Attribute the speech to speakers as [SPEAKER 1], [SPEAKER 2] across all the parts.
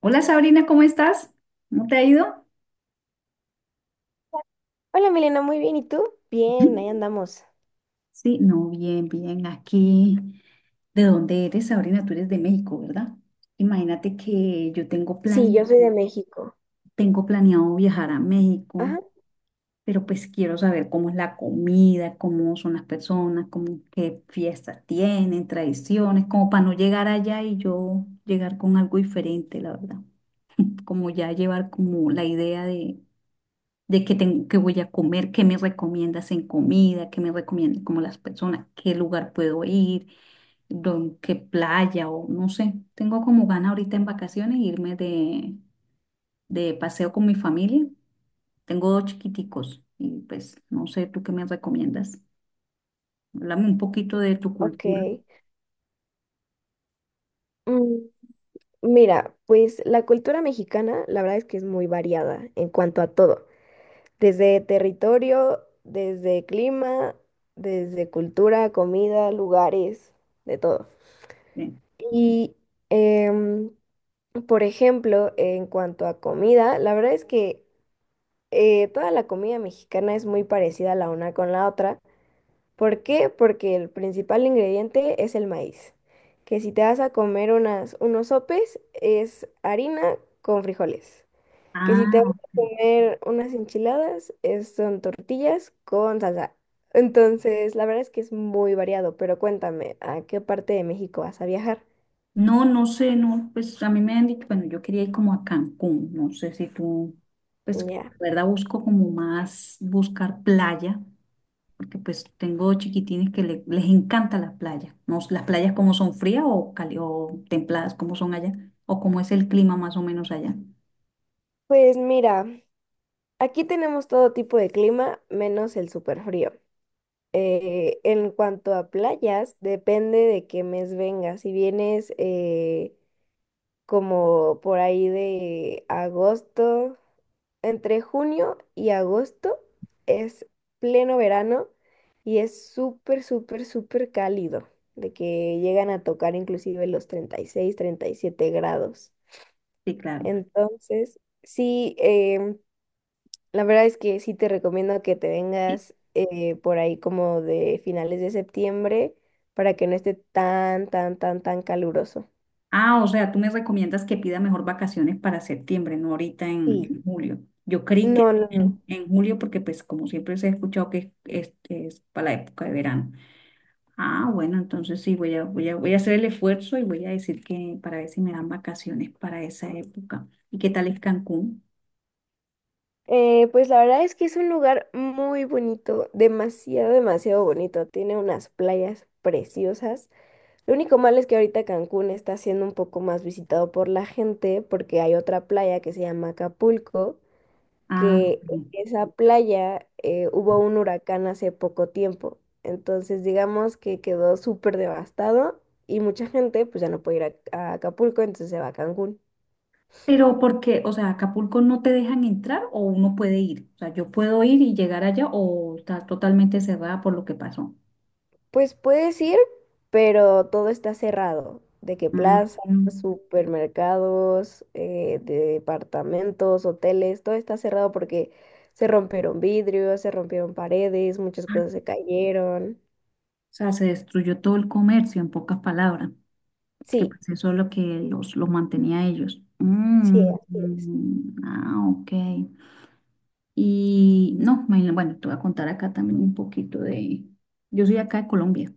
[SPEAKER 1] Hola Sabrina, ¿cómo estás? ¿Cómo te ha ido?
[SPEAKER 2] Hola Milena, muy bien. ¿Y tú? Bien,
[SPEAKER 1] Ujú.
[SPEAKER 2] ahí andamos.
[SPEAKER 1] Sí, no, bien, bien, aquí. ¿De dónde eres, Sabrina? Tú eres de México, ¿verdad? Imagínate que yo tengo
[SPEAKER 2] Sí,
[SPEAKER 1] plan,
[SPEAKER 2] yo soy de México.
[SPEAKER 1] tengo planeado viajar a México,
[SPEAKER 2] Ajá,
[SPEAKER 1] pero pues quiero saber cómo es la comida, cómo son las personas, cómo, qué fiestas tienen, tradiciones, como para no llegar allá y yo llegar con algo diferente, la verdad. Como ya llevar como la idea de qué, qué voy a comer, qué me recomiendas en comida, qué me recomiendan como las personas, qué lugar puedo ir, qué playa o no sé. Tengo como gana ahorita en vacaciones irme de paseo con mi familia. Tengo dos chiquiticos y pues no sé, ¿tú qué me recomiendas? Háblame un poquito de tu
[SPEAKER 2] ok.
[SPEAKER 1] cultura.
[SPEAKER 2] Mm, Mira, pues la cultura mexicana, la verdad es que es muy variada en cuanto a todo, desde territorio, desde clima, desde cultura, comida, lugares, de todo.
[SPEAKER 1] Sí.
[SPEAKER 2] Y, em, por ejemplo, en cuanto a comida, la verdad es que toda la comida mexicana es muy parecida la una con la otra. ¿Por qué? Porque el principal ingrediente es el maíz, que si te vas a comer unas, unos sopes es harina con frijoles, que si te
[SPEAKER 1] Ah,
[SPEAKER 2] vas a
[SPEAKER 1] ok.
[SPEAKER 2] comer unas enchiladas son tortillas con salsa. Entonces, la verdad es que es muy variado, pero cuéntame, ¿a qué parte de México vas a viajar?
[SPEAKER 1] No, no sé, no, pues a mí me han dicho, bueno, yo quería ir como a Cancún, no sé si tú, pues,
[SPEAKER 2] Ya.
[SPEAKER 1] la verdad busco como más, buscar playa, porque pues tengo chiquitines que les encanta las playas. No, las playas como son frías o, o templadas, como son allá, o cómo es el clima más o menos allá.
[SPEAKER 2] Pues mira, aquí tenemos todo tipo de clima menos el súper frío. En cuanto a playas, depende de qué mes vengas. Si vienes como por ahí de agosto, entre junio y agosto es pleno verano y es súper, súper, súper cálido, de que llegan a tocar inclusive los 30 36 37 grados.
[SPEAKER 1] Sí, claro.
[SPEAKER 2] Entonces, sí, la verdad es que sí te recomiendo que te
[SPEAKER 1] Sí.
[SPEAKER 2] vengas por ahí como de finales de septiembre para que no esté tan, tan, tan, tan caluroso.
[SPEAKER 1] Ah, o sea, tú me recomiendas que pida mejor vacaciones para septiembre, no ahorita
[SPEAKER 2] Sí.
[SPEAKER 1] en julio. Yo creí que
[SPEAKER 2] No, no, no.
[SPEAKER 1] en julio, porque pues como siempre se ha escuchado que es, es para la época de verano. Ah, bueno, entonces sí, voy a hacer el esfuerzo y voy a decir que para ver si me dan vacaciones para esa época. ¿Y qué tal es Cancún?
[SPEAKER 2] Pues la verdad es que es un lugar muy bonito, demasiado, demasiado bonito. Tiene unas playas preciosas. Lo único malo es que ahorita Cancún está siendo un poco más visitado por la gente porque hay otra playa que se llama Acapulco
[SPEAKER 1] Ah,
[SPEAKER 2] que en esa playa hubo un huracán hace poco tiempo. Entonces, digamos que quedó súper devastado y mucha gente pues ya no puede ir a Acapulco, entonces se va a Cancún.
[SPEAKER 1] pero porque, o sea, Acapulco no te dejan entrar o uno puede ir. O sea, yo puedo ir y llegar allá o está totalmente cerrada por lo que pasó.
[SPEAKER 2] Pues puedes ir, pero todo está cerrado, de que
[SPEAKER 1] Mm,
[SPEAKER 2] plazas,
[SPEAKER 1] mm.
[SPEAKER 2] supermercados, departamentos, hoteles, todo está cerrado porque se rompieron vidrios, se rompieron paredes, muchas cosas se cayeron.
[SPEAKER 1] O sea, se destruyó todo el comercio, en pocas palabras, que
[SPEAKER 2] Sí,
[SPEAKER 1] pues eso es lo que los mantenía a ellos.
[SPEAKER 2] sí,
[SPEAKER 1] Mm,
[SPEAKER 2] así es.
[SPEAKER 1] mm, ah, ok. Y no, imagina- bueno, te voy a contar acá también un poquito de... Yo soy acá de Colombia.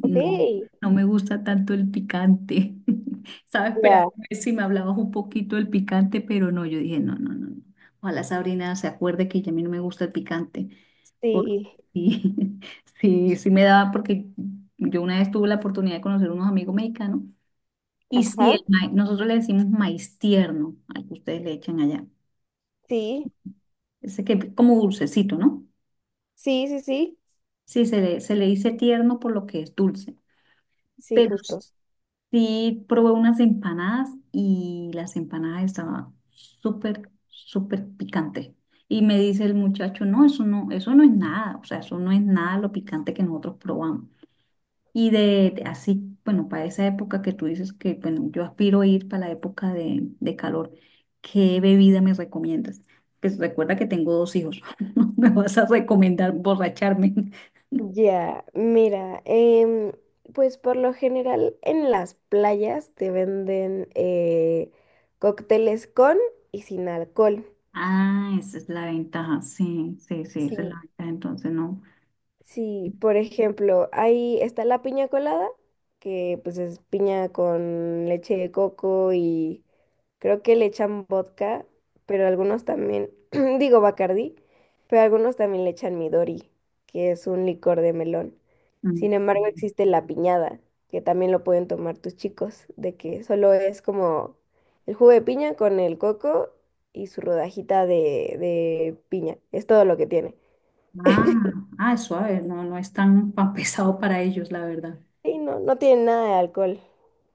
[SPEAKER 2] Ok,
[SPEAKER 1] no me gusta tanto el picante. Estaba
[SPEAKER 2] ya.
[SPEAKER 1] esperando a ver si me hablabas un poquito del picante, pero no, yo dije, no, no, no. no. Ojalá Sabrina se acuerde que a mí no me gusta el picante. Porque
[SPEAKER 2] Sí,
[SPEAKER 1] sí, sí, sí me daba, porque yo una vez tuve la oportunidad de conocer unos amigos mexicanos. Y sí,
[SPEAKER 2] ajá,
[SPEAKER 1] el maíz, nosotros le decimos maíz tierno al que ustedes le echan allá.
[SPEAKER 2] sí,
[SPEAKER 1] Ese que es como dulcecito, ¿no?
[SPEAKER 2] sí, sí, sí,
[SPEAKER 1] Sí, se le dice tierno por lo que es dulce.
[SPEAKER 2] sí,
[SPEAKER 1] Pero
[SPEAKER 2] justo.
[SPEAKER 1] sí, probé unas empanadas y las empanadas estaban súper, súper picante. Y me dice el muchacho, no, eso no, eso no es nada, o sea, eso no es nada lo picante que nosotros probamos. Y de así, bueno, para esa época que tú dices que, bueno, yo aspiro a ir para la época de calor, ¿qué bebida me recomiendas? Pues recuerda que tengo dos hijos, no me vas a recomendar borracharme.
[SPEAKER 2] Ya, mira, pues por lo general en las playas te venden cócteles con y sin alcohol.
[SPEAKER 1] Ah, esa es la ventaja, sí, sí, sí, esa es
[SPEAKER 2] Sí,
[SPEAKER 1] la ventaja, entonces no.
[SPEAKER 2] sí, por ejemplo, ahí está la piña colada, que pues es piña con leche de coco y creo que le echan vodka, pero algunos también, digo Bacardí, pero algunos también le echan Midori, que es un licor de melón. Sin embargo,
[SPEAKER 1] Mm.
[SPEAKER 2] existe la piñada, que también lo pueden tomar tus chicos, de que solo es como el jugo de piña con el coco y su rodajita de piña. Es todo lo que tiene.
[SPEAKER 1] Ah, ah, es suave, no, no es tan, tan pesado para ellos, la verdad.
[SPEAKER 2] Y no, no tiene nada de alcohol.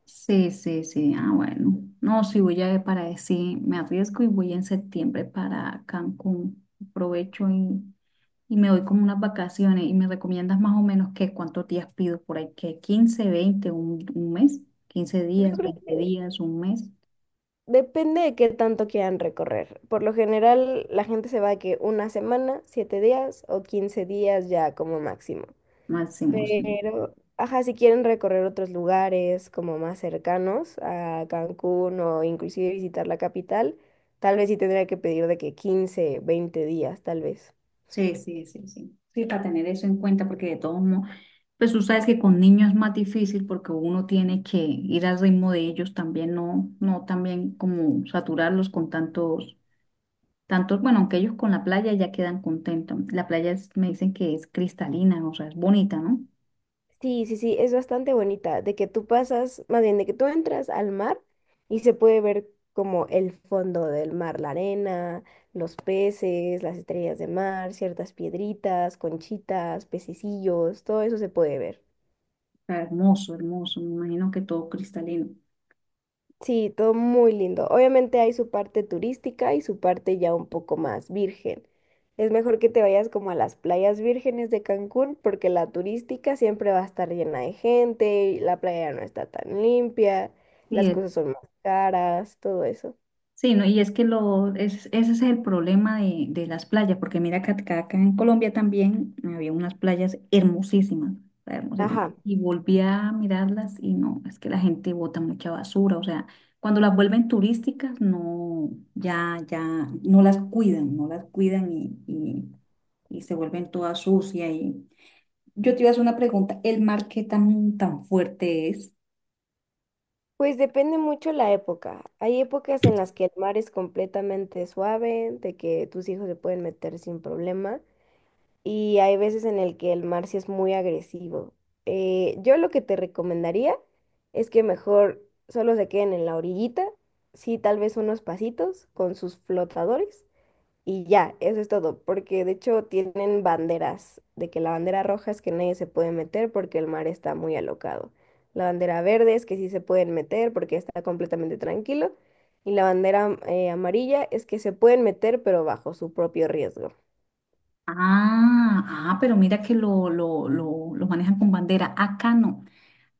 [SPEAKER 1] Sí, sí, sí, ah, bueno. No, sí, voy a ver para ver si me arriesgo y voy en septiembre para Cancún. Aprovecho y me doy como unas vacaciones. ¿Y me recomiendas más o menos qué? ¿Cuántos días pido por ahí? ¿Qué? ¿Quince, 20, un mes? ¿Quince
[SPEAKER 2] Yo
[SPEAKER 1] días,
[SPEAKER 2] creo,
[SPEAKER 1] 20 días, un mes?
[SPEAKER 2] depende de qué tanto quieran recorrer. Por lo general, la gente se va de que una semana, 7 días o 15 días ya como máximo.
[SPEAKER 1] Máximo, sí.
[SPEAKER 2] Pero, ajá, si quieren recorrer otros lugares como más cercanos a Cancún o inclusive visitar la capital, tal vez sí tendría que pedir de que 15, 20 días, tal vez.
[SPEAKER 1] Sí, sí, sí, sí. Sí, para tener eso en cuenta, porque de todos modos. Pues tú sabes que con niños es más difícil porque uno tiene que ir al ritmo de ellos también, no, no también como saturarlos con tantos, tantos, bueno, aunque ellos con la playa ya quedan contentos. La playa es- me dicen que es cristalina, o sea, es bonita, ¿no? O
[SPEAKER 2] Sí, sí, sí, es bastante bonita, de que tú pasas, más bien de que tú entras al mar y se puede ver como el fondo del mar, la arena, los peces, las estrellas de mar, ciertas piedritas, conchitas, pececillos, todo eso se puede ver.
[SPEAKER 1] sea, hermoso, hermoso, me imagino que todo cristalino.
[SPEAKER 2] Sí, todo muy lindo. Obviamente hay su parte turística y su parte ya un poco más virgen. Es mejor que te vayas como a las playas vírgenes de Cancún porque la turística siempre va a estar llena de gente, y la playa no está tan limpia, las cosas son más caras, todo eso.
[SPEAKER 1] Sí, no, y es que lo, es, ese es el problema de las playas, porque mira que acá, acá en Colombia también había unas playas hermosísimas, o sea, hermosísimas.
[SPEAKER 2] Ajá.
[SPEAKER 1] Y volví a mirarlas y no, es que la gente bota mucha basura, o sea, cuando las vuelven turísticas, no, ya, ya, no las cuidan, no las cuidan y se vuelven todas sucias. Y... Yo te iba a hacer una pregunta, ¿el mar qué tan, tan fuerte es?
[SPEAKER 2] Pues depende mucho la época. Hay épocas en las que el mar es completamente suave, de que tus hijos se pueden meter sin problema. Y hay veces en el que el mar sí es muy agresivo. Yo lo que te recomendaría es que mejor solo se queden en la orillita, sí, tal vez unos pasitos con sus flotadores y ya, eso es todo, porque de hecho tienen banderas, de que la bandera roja es que nadie se puede meter porque el mar está muy alocado. La bandera verde es que sí se pueden meter porque está completamente tranquilo. Y la bandera amarilla es que se pueden meter, pero bajo su propio riesgo.
[SPEAKER 1] Ah, ah, pero mira que lo manejan con bandera. Acá no.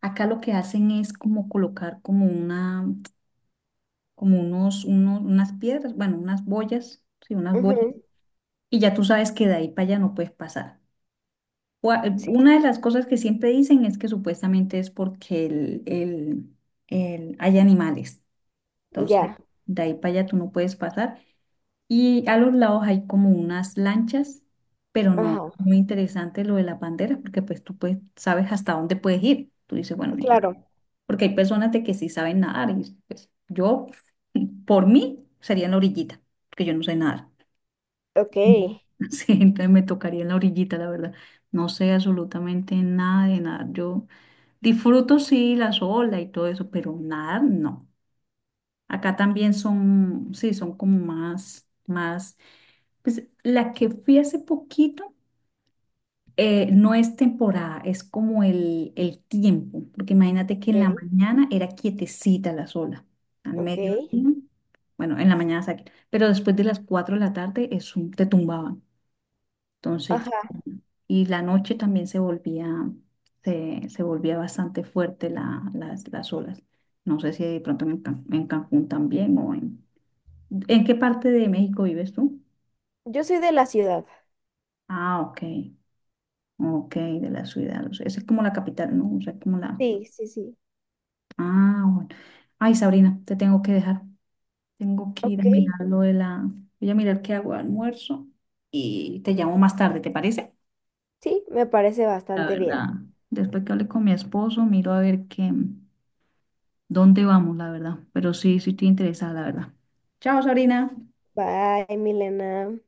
[SPEAKER 1] Acá lo que hacen es como colocar como una, como unas piedras, bueno, unas boyas, sí, unas boyas,
[SPEAKER 2] Ujú,
[SPEAKER 1] y ya tú sabes que de ahí para allá no puedes pasar. O
[SPEAKER 2] sí.
[SPEAKER 1] una de las cosas que siempre dicen es que supuestamente es porque hay animales. Entonces,
[SPEAKER 2] Ya.
[SPEAKER 1] de ahí para allá tú no puedes pasar. Y a los lados hay como unas lanchas, pero mm, no,
[SPEAKER 2] Ajá,
[SPEAKER 1] muy interesante lo de las banderas, porque pues tú pues, sabes hasta dónde puedes ir. Tú dices, bueno, ya,
[SPEAKER 2] claro.
[SPEAKER 1] porque hay personas de que sí saben nadar y pues yo, por mí, sería en la orillita, porque yo no sé nadar.
[SPEAKER 2] Ok,
[SPEAKER 1] Mm. Sí, entonces me tocaría en la orillita, la verdad. No sé absolutamente nada de nadar. Yo disfruto sí las olas y todo eso, pero nadar no. Acá también son, sí, son como más, más pues la que fui hace poquito no es temporada, es como el tiempo, porque imagínate que en la
[SPEAKER 2] ok,
[SPEAKER 1] mañana era quietecita la sola, al
[SPEAKER 2] ok.
[SPEAKER 1] mediodía, bueno, en la mañana saqué, pero después de las 4 de la tarde es te tumbaban, entonces,
[SPEAKER 2] Ajá,
[SPEAKER 1] y la noche también se volvía, se volvía bastante fuerte la, las olas. No sé si de pronto en, en Cancún también o en... ¿En qué parte de México vives tú?
[SPEAKER 2] yo soy de la ciudad.
[SPEAKER 1] Ah, ok. Ok, de la ciudad. O sea, esa es como la capital, ¿no? O sea, como la...
[SPEAKER 2] Sí, sí, sí.
[SPEAKER 1] Ah, bueno. Ay, Sabrina, te tengo que dejar. Tengo que ir a
[SPEAKER 2] Ok,
[SPEAKER 1] mirar lo de la... Voy a mirar qué hago de almuerzo y te llamo más tarde, ¿te parece?
[SPEAKER 2] sí, me parece
[SPEAKER 1] La
[SPEAKER 2] bastante bien.
[SPEAKER 1] verdad. Después que hable con mi esposo, miro a ver qué... ¿Dónde vamos, la verdad? Pero sí, sí estoy interesada, la verdad. Chao, Sabrina.
[SPEAKER 2] Bye, Milena.